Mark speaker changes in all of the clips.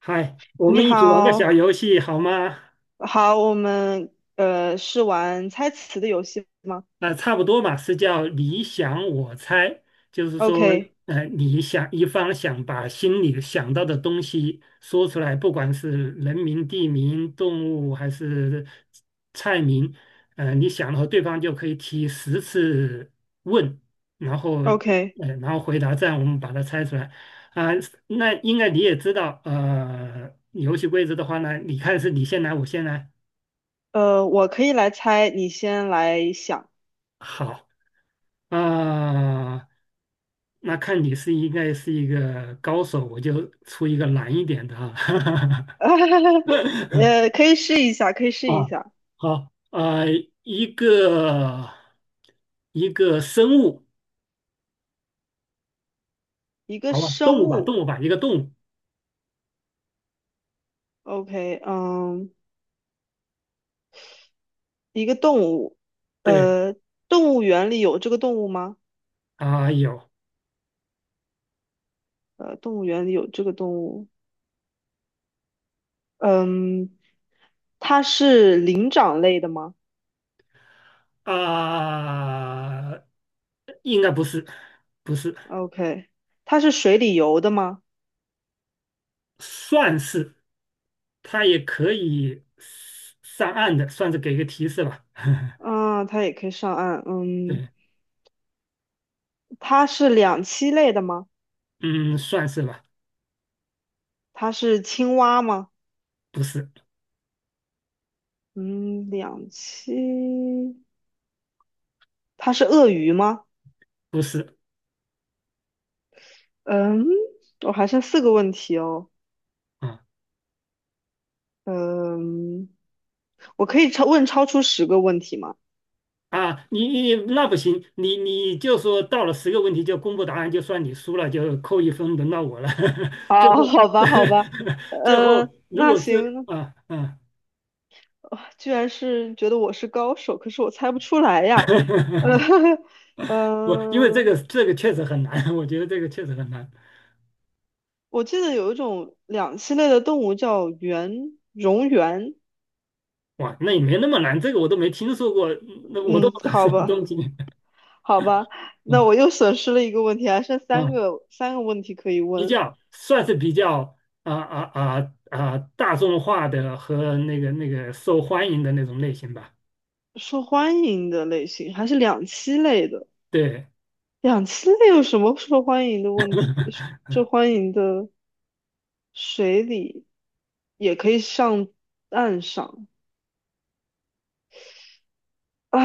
Speaker 1: 嗨，我
Speaker 2: 你
Speaker 1: 们一起玩个小
Speaker 2: 好。
Speaker 1: 游戏好吗？
Speaker 2: 好，我们是玩猜词的游戏吗
Speaker 1: 那差不多嘛，是叫你想我猜，就是说，
Speaker 2: ？OK
Speaker 1: 你想一方想把心里想到的东西说出来，不管是人名、地名、动物还是菜名，你想了后对方就可以提10次问，然后，
Speaker 2: OK。
Speaker 1: 然后回答，这样我们把它猜出来。啊、那应该你也知道，游戏规则的话呢，你看是你先来，我先来，
Speaker 2: 我可以来猜，你先来想。
Speaker 1: 好。啊，那看你是应该是一个高手，我就出一个难一点的哈。
Speaker 2: 可以试一下，可以试一
Speaker 1: 啊，
Speaker 2: 下。
Speaker 1: 好，啊，一个一个生物，
Speaker 2: 一个
Speaker 1: 好吧，动物
Speaker 2: 生
Speaker 1: 吧，动
Speaker 2: 物
Speaker 1: 物吧，一个动物，
Speaker 2: ，OK，嗯，一个动物。
Speaker 1: 对，
Speaker 2: 呃，动物园里有这个动物吗？
Speaker 1: 啊，有
Speaker 2: 动物园里有这个动物。嗯，它是灵长类的吗
Speaker 1: 啊，应该不是，不是，
Speaker 2: ？OK，它是水里游的吗？
Speaker 1: 算是，它也可以上岸的，算是给一个提示吧，
Speaker 2: 啊，它也可以上岸。嗯，
Speaker 1: 对，
Speaker 2: 它是两栖类的吗？
Speaker 1: 嗯，算是吧，
Speaker 2: 它是青蛙吗？
Speaker 1: 不是。
Speaker 2: 嗯，两栖。它是鳄鱼吗？
Speaker 1: 不是
Speaker 2: 嗯，我还剩4个问题哦。
Speaker 1: 啊
Speaker 2: 嗯，我可以超出10个问题吗？
Speaker 1: 啊，你那不行，你就说到了10个问题就公布答案，就算你输了，就扣一分，轮到我了。最后
Speaker 2: 啊，好吧，好吧。
Speaker 1: 最后如
Speaker 2: 那
Speaker 1: 果是
Speaker 2: 行。
Speaker 1: 啊啊，
Speaker 2: 啊，居然是觉得我是高手，可是我猜不出来呀。呃，
Speaker 1: 不，因为这
Speaker 2: 嗯、
Speaker 1: 个这个确实很难，我觉得这个确实很难。
Speaker 2: 我记得有一种两栖类的动物叫圆蝾螈。
Speaker 1: 哇，那也没那么难，这个我都没听说过，那我都
Speaker 2: 嗯，
Speaker 1: 不知道什
Speaker 2: 好
Speaker 1: 么东
Speaker 2: 吧，
Speaker 1: 西。
Speaker 2: 好吧。那
Speaker 1: 嗯
Speaker 2: 我又损失了一个问题，还剩三
Speaker 1: 嗯，
Speaker 2: 个三个问题可以
Speaker 1: 比
Speaker 2: 问。
Speaker 1: 较算是比较大众化的和那个受欢迎的那种类型吧。
Speaker 2: 受欢迎的类型还是两栖类的？
Speaker 1: 对。
Speaker 2: 两栖类有什么受欢迎的问题？受欢迎的，水里也可以上岸上啊。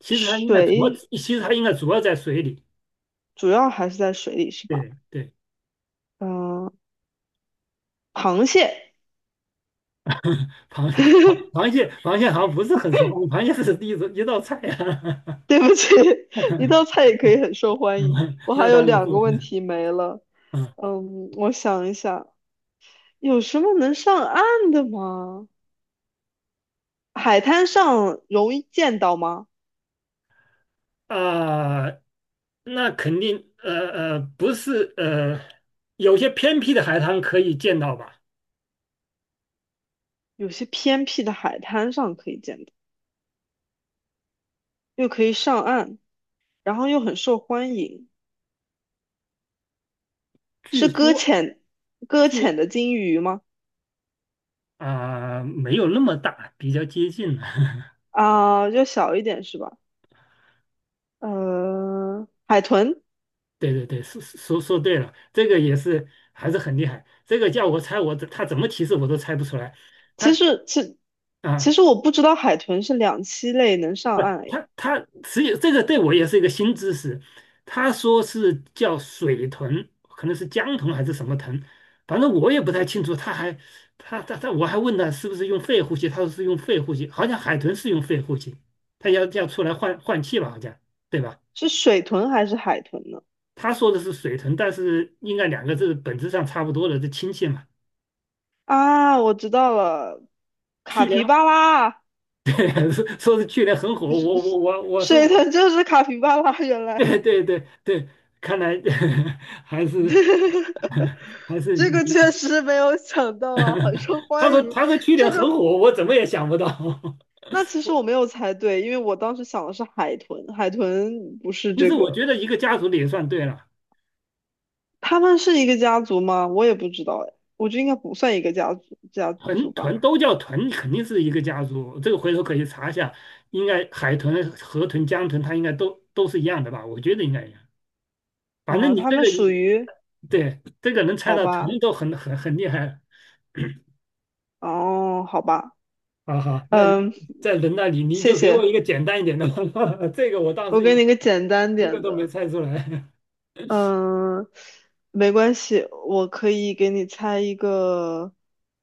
Speaker 1: 其实它应该主要，
Speaker 2: 水，
Speaker 1: 其实它应该主要在水里。
Speaker 2: 主要还是在水里是吧？
Speaker 1: 对对，
Speaker 2: 嗯，螃蟹。
Speaker 1: 螃螃 螃蟹螃蟹好像不是很熟。螃蟹是一种一道菜啊。
Speaker 2: 对不起，一道 菜也可以很受欢迎。
Speaker 1: 嗯
Speaker 2: 我还
Speaker 1: 那
Speaker 2: 有
Speaker 1: 当然
Speaker 2: 2个问
Speaker 1: 是，
Speaker 2: 题没了。
Speaker 1: 嗯
Speaker 2: 嗯，我想一下，有什么能上岸的吗？海滩上容易见到吗？
Speaker 1: 啊，那肯定，不是，有些偏僻的海滩可以见到吧？
Speaker 2: 有些偏僻的海滩上可以见到，又可以上岸，然后又很受欢迎。
Speaker 1: 据
Speaker 2: 是搁
Speaker 1: 说，
Speaker 2: 浅，搁
Speaker 1: 据
Speaker 2: 浅的金鱼吗？
Speaker 1: 啊、没有那么大，比较接近了。
Speaker 2: 啊，就小一点是吧？海豚。
Speaker 1: 对对对，说对了，这个也是还是很厉害。这个叫我猜我，他怎么提示我都猜不出来。
Speaker 2: 其
Speaker 1: 他
Speaker 2: 实其其
Speaker 1: 啊，
Speaker 2: 实我不知道海豚是两栖类能上
Speaker 1: 不，
Speaker 2: 岸。
Speaker 1: 他只有这个对我也是一个新知识。他说是叫水豚，可能是江豚还是什么豚，反正我也不太清楚。他还他他他，我还问他是不是用肺呼吸，他说是用肺呼吸，好像海豚是用肺呼吸，他要出来换换气吧，好像对吧？
Speaker 2: 是水豚还是海豚呢？
Speaker 1: 他说的是水豚，但是应该两个字本质上差不多的，是亲戚嘛。
Speaker 2: 啊，我知道了，卡
Speaker 1: 去年
Speaker 2: 皮巴拉。
Speaker 1: 说是去年很火，我说
Speaker 2: 水
Speaker 1: 我
Speaker 2: 豚就是卡皮巴拉，原 来。
Speaker 1: 对对对对，看来 还是 还是
Speaker 2: 这个确
Speaker 1: 你，
Speaker 2: 实没有想到啊，很受
Speaker 1: 他
Speaker 2: 欢
Speaker 1: 说
Speaker 2: 迎。
Speaker 1: 他说去年
Speaker 2: 这
Speaker 1: 很
Speaker 2: 个，
Speaker 1: 火，我怎么也想不到。
Speaker 2: 那其实我没有猜对，因为我当时想的是海豚，海豚不是
Speaker 1: 其
Speaker 2: 这
Speaker 1: 实我
Speaker 2: 个。
Speaker 1: 觉得一个家族的也算对了，
Speaker 2: 他们是一个家族吗？我也不知道哎，我觉得应该不算一个家族
Speaker 1: 豚
Speaker 2: 吧。
Speaker 1: 豚都叫豚，肯定是一个家族。这个回头可以查一下，应该海豚、河豚、江豚，它应该都是一样的吧？我觉得应该一样。反正
Speaker 2: 啊，
Speaker 1: 你
Speaker 2: 他
Speaker 1: 这
Speaker 2: 们
Speaker 1: 个
Speaker 2: 属于，
Speaker 1: 对这个能猜
Speaker 2: 好
Speaker 1: 到豚
Speaker 2: 吧。
Speaker 1: 都很厉害了
Speaker 2: 哦，好吧。
Speaker 1: 好好，那你
Speaker 2: 嗯，
Speaker 1: 在人那里你
Speaker 2: 谢
Speaker 1: 就给我
Speaker 2: 谢。
Speaker 1: 一个简单一点的，这个我当
Speaker 2: 我
Speaker 1: 时
Speaker 2: 给你个简单
Speaker 1: 一个
Speaker 2: 点
Speaker 1: 都没
Speaker 2: 的。
Speaker 1: 猜出来
Speaker 2: 嗯，没关系，我可以给你猜一个。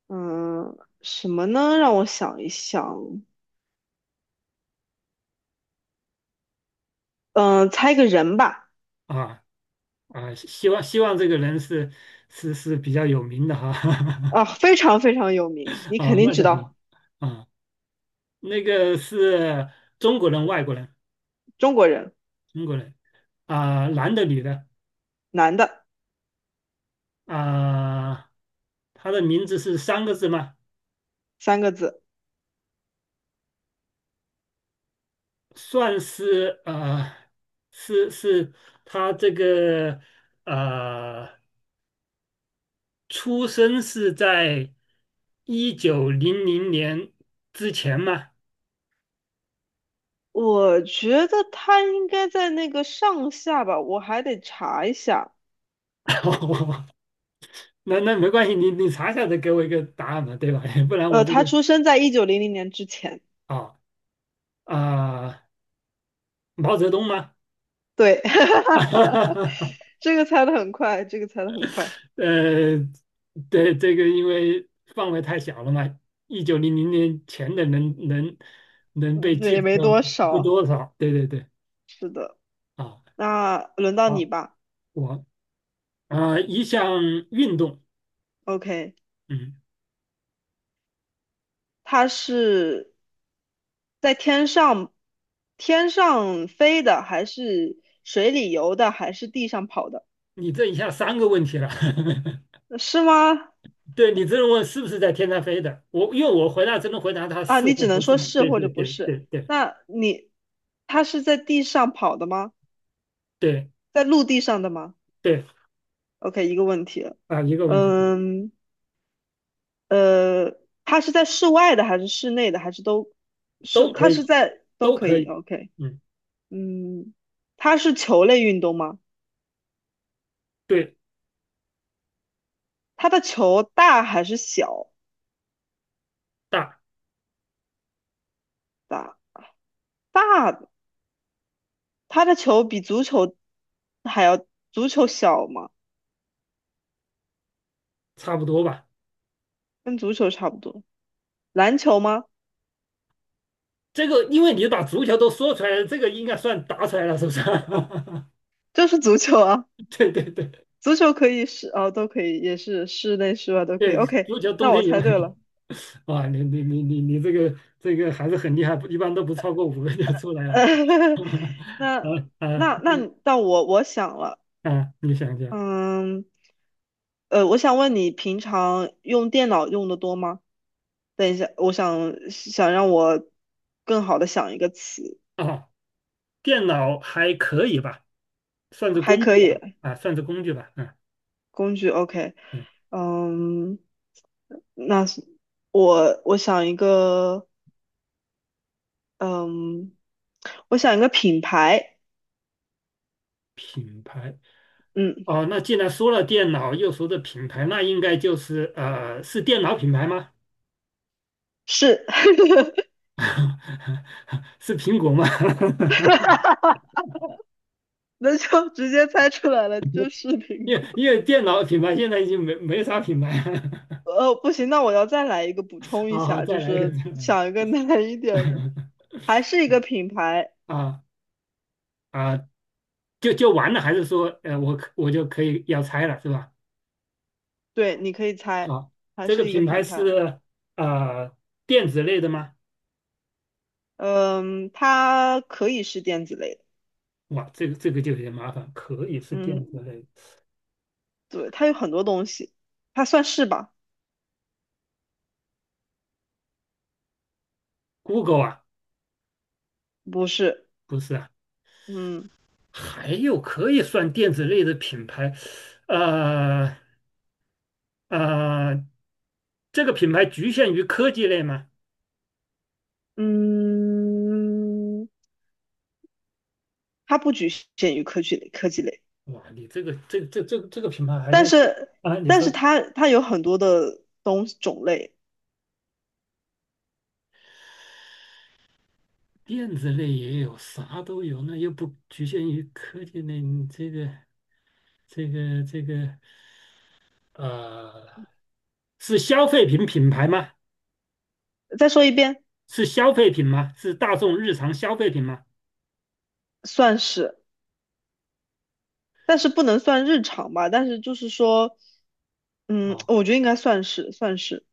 Speaker 2: 嗯，什么呢？让我想一想。嗯，猜一个人吧。
Speaker 1: 啊啊！希望这个人是是比较有名的哈
Speaker 2: 啊，非常非常有名，你肯
Speaker 1: 啊，
Speaker 2: 定
Speaker 1: 那
Speaker 2: 知
Speaker 1: 就好
Speaker 2: 道。
Speaker 1: 啊。那个是中国人、外国人、
Speaker 2: 中国人。
Speaker 1: 中国人啊，男的、女的
Speaker 2: 男的。
Speaker 1: 啊，他的名字是三个字吗？
Speaker 2: 3个字。
Speaker 1: 算是啊，是他这个啊。出生是在一九零零年之前吗？
Speaker 2: 我觉得他应该在那个上下吧，我还得查一下。
Speaker 1: 那那没关系，你查一下再给我一个答案嘛，对吧？不然我这个
Speaker 2: 他出生在1900年之前。
Speaker 1: 啊啊、毛泽东吗？
Speaker 2: 对。这个猜的很快，这个猜的很快。
Speaker 1: 呃，对，这个因为范围太小了嘛，一九零零年前的能能被
Speaker 2: 嗯，
Speaker 1: 记
Speaker 2: 也
Speaker 1: 住
Speaker 2: 没
Speaker 1: 的
Speaker 2: 多
Speaker 1: 不
Speaker 2: 少。
Speaker 1: 多少。对对对，
Speaker 2: 是的。
Speaker 1: 啊，
Speaker 2: 那轮到
Speaker 1: 好，
Speaker 2: 你吧。
Speaker 1: 我啊、一项运动，
Speaker 2: OK，
Speaker 1: 嗯，
Speaker 2: 它是在天上飞的，还是水里游的，还是地上跑的？
Speaker 1: 你这一下三个问题了，
Speaker 2: 是吗？
Speaker 1: 对你这么问是不是在天上飞的？我因为我回答只能回答他
Speaker 2: 啊，
Speaker 1: 是
Speaker 2: 你
Speaker 1: 或
Speaker 2: 只能
Speaker 1: 不是
Speaker 2: 说
Speaker 1: 嘛。
Speaker 2: 是
Speaker 1: 对
Speaker 2: 或
Speaker 1: 对
Speaker 2: 者不
Speaker 1: 对
Speaker 2: 是。
Speaker 1: 对对
Speaker 2: 那你，它是在地上跑的吗？
Speaker 1: 对
Speaker 2: 在陆地上的吗
Speaker 1: 对
Speaker 2: ？OK，一个问题了。
Speaker 1: 啊，一个问题
Speaker 2: 嗯，呃，它是在室外的，还是室内的，还是都
Speaker 1: 都
Speaker 2: 是？
Speaker 1: 可
Speaker 2: 它是
Speaker 1: 以，
Speaker 2: 在都
Speaker 1: 都
Speaker 2: 可
Speaker 1: 可
Speaker 2: 以。
Speaker 1: 以。
Speaker 2: OK。
Speaker 1: 嗯，
Speaker 2: 嗯，它是球类运动吗？
Speaker 1: 对，
Speaker 2: 它的球大还是小
Speaker 1: 大
Speaker 2: 大？大，它的球比足球还要，足球小吗？
Speaker 1: 差不多吧。
Speaker 2: 跟足球差不多。篮球吗？
Speaker 1: 这个因为你把足球都说出来了，这个应该算答出来了，是不是？
Speaker 2: 就是足球啊。
Speaker 1: 对对对
Speaker 2: 足球可以是，哦，都可以，也是室内室外都可以。
Speaker 1: 对，
Speaker 2: OK，
Speaker 1: 足球冬
Speaker 2: 那我
Speaker 1: 天有
Speaker 2: 猜对了。
Speaker 1: 啊，你这个还是很厉害，一般都不超过五个就出来了。啊
Speaker 2: 那
Speaker 1: 啊
Speaker 2: 那你，那我想了。
Speaker 1: 啊！你想一下
Speaker 2: 嗯，我想问你，平常用电脑用的多吗？等一下，我想想让我更好的想一个词。
Speaker 1: 啊，电脑还可以吧？算是
Speaker 2: 还
Speaker 1: 工
Speaker 2: 可
Speaker 1: 具
Speaker 2: 以，
Speaker 1: 吧，啊，算是工具吧，嗯
Speaker 2: 工具 OK。
Speaker 1: 嗯，
Speaker 2: 嗯，那是我想一个。嗯，我想一个品牌。
Speaker 1: 品牌。
Speaker 2: 嗯，
Speaker 1: 哦，那既然说了电脑，又说的品牌，那应该就是是电脑品牌吗？
Speaker 2: 是。
Speaker 1: 是苹果吗？
Speaker 2: 那就直接猜出来了，就是苹
Speaker 1: 因为
Speaker 2: 果。
Speaker 1: 因为电脑品牌现在已经没啥品牌了
Speaker 2: 不行，那我要再来一个补 充一
Speaker 1: 好好，
Speaker 2: 下，
Speaker 1: 再
Speaker 2: 就
Speaker 1: 来一个，再
Speaker 2: 是
Speaker 1: 来一
Speaker 2: 想一个难一点的。
Speaker 1: 个。
Speaker 2: 还是一个品牌。
Speaker 1: 啊啊，就完了，还是说我就可以要拆了，是吧？
Speaker 2: 对，你可以猜。
Speaker 1: 好，
Speaker 2: 还
Speaker 1: 这个
Speaker 2: 是一个
Speaker 1: 品牌
Speaker 2: 品牌。
Speaker 1: 是呃电子类的吗？
Speaker 2: 嗯，它可以是电子类的。
Speaker 1: 哇，这个就有点麻烦，可以是电子
Speaker 2: 嗯，
Speaker 1: 类
Speaker 2: 对，它有很多东西，它算是吧？
Speaker 1: ，Google 啊，
Speaker 2: 不是。
Speaker 1: 不是啊，
Speaker 2: 嗯
Speaker 1: 还有可以算电子类的品牌，呃呃，这个品牌局限于科技类吗？
Speaker 2: 嗯，它不局限于科技类，科技类。
Speaker 1: 哇，你这个这这个品牌还
Speaker 2: 但
Speaker 1: 在
Speaker 2: 是
Speaker 1: 啊？你说
Speaker 2: 它有很多的东种类。
Speaker 1: 电子类也有，啥都有，那又不局限于科技类，你这个这个呃，是消费品品牌吗？
Speaker 2: 再说一遍。
Speaker 1: 是消费品吗？是大众日常消费品吗？
Speaker 2: 算是，但是不能算日常吧？但是就是说，嗯，
Speaker 1: 啊。
Speaker 2: 我觉得应该算是算是。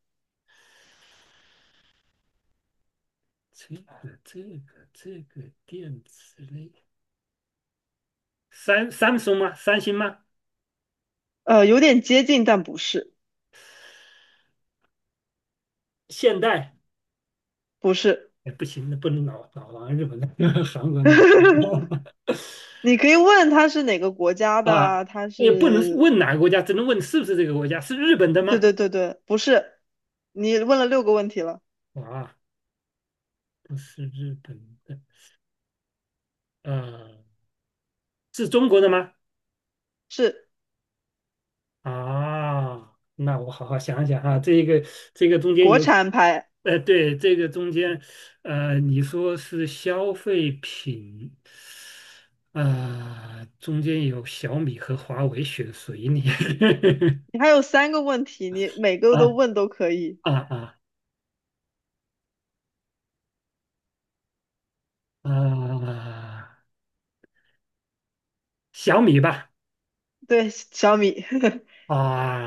Speaker 1: 这个这个电子类，三星吗？三星吗？
Speaker 2: 有点接近，但不是。
Speaker 1: 现代？
Speaker 2: 不是。
Speaker 1: 哎，不行，那不能老往日本那 韩国那
Speaker 2: 你可以问他是哪个国家的
Speaker 1: 啊，
Speaker 2: 啊他
Speaker 1: 也不能
Speaker 2: 是。
Speaker 1: 问哪个国家，只能问是不是这个国家，是日本的
Speaker 2: 对
Speaker 1: 吗？
Speaker 2: 对对对，不是。你问了6个问题了。
Speaker 1: 啊，不是日本的，呃，是中国的吗？
Speaker 2: 是
Speaker 1: 啊，那我好好想想啊，这个中间
Speaker 2: 国
Speaker 1: 有，
Speaker 2: 产牌。
Speaker 1: 对，这个中间，你说是消费品，啊、中间有小米和华为选谁呢？
Speaker 2: 你还有三个问题，你 每个都
Speaker 1: 啊
Speaker 2: 问都可以。
Speaker 1: 啊啊啊！小米吧，
Speaker 2: 对，小米。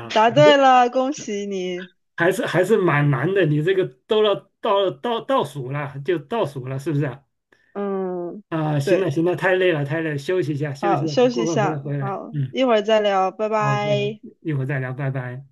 Speaker 2: 答
Speaker 1: 好
Speaker 2: 对
Speaker 1: 的，
Speaker 2: 了，恭喜你。
Speaker 1: 还是蛮难的，你这个都要到倒数了，就倒数了，是不是啊？
Speaker 2: 嗯，
Speaker 1: 啊，行了
Speaker 2: 对，
Speaker 1: 行了，太累了太累了，休息一下休息
Speaker 2: 好，
Speaker 1: 一下，
Speaker 2: 休息
Speaker 1: 过
Speaker 2: 一
Speaker 1: 会儿回来
Speaker 2: 下。
Speaker 1: 回来，
Speaker 2: 好，
Speaker 1: 嗯，
Speaker 2: 一会儿再聊，拜
Speaker 1: 好，一会儿
Speaker 2: 拜。
Speaker 1: 一会儿再聊，拜拜。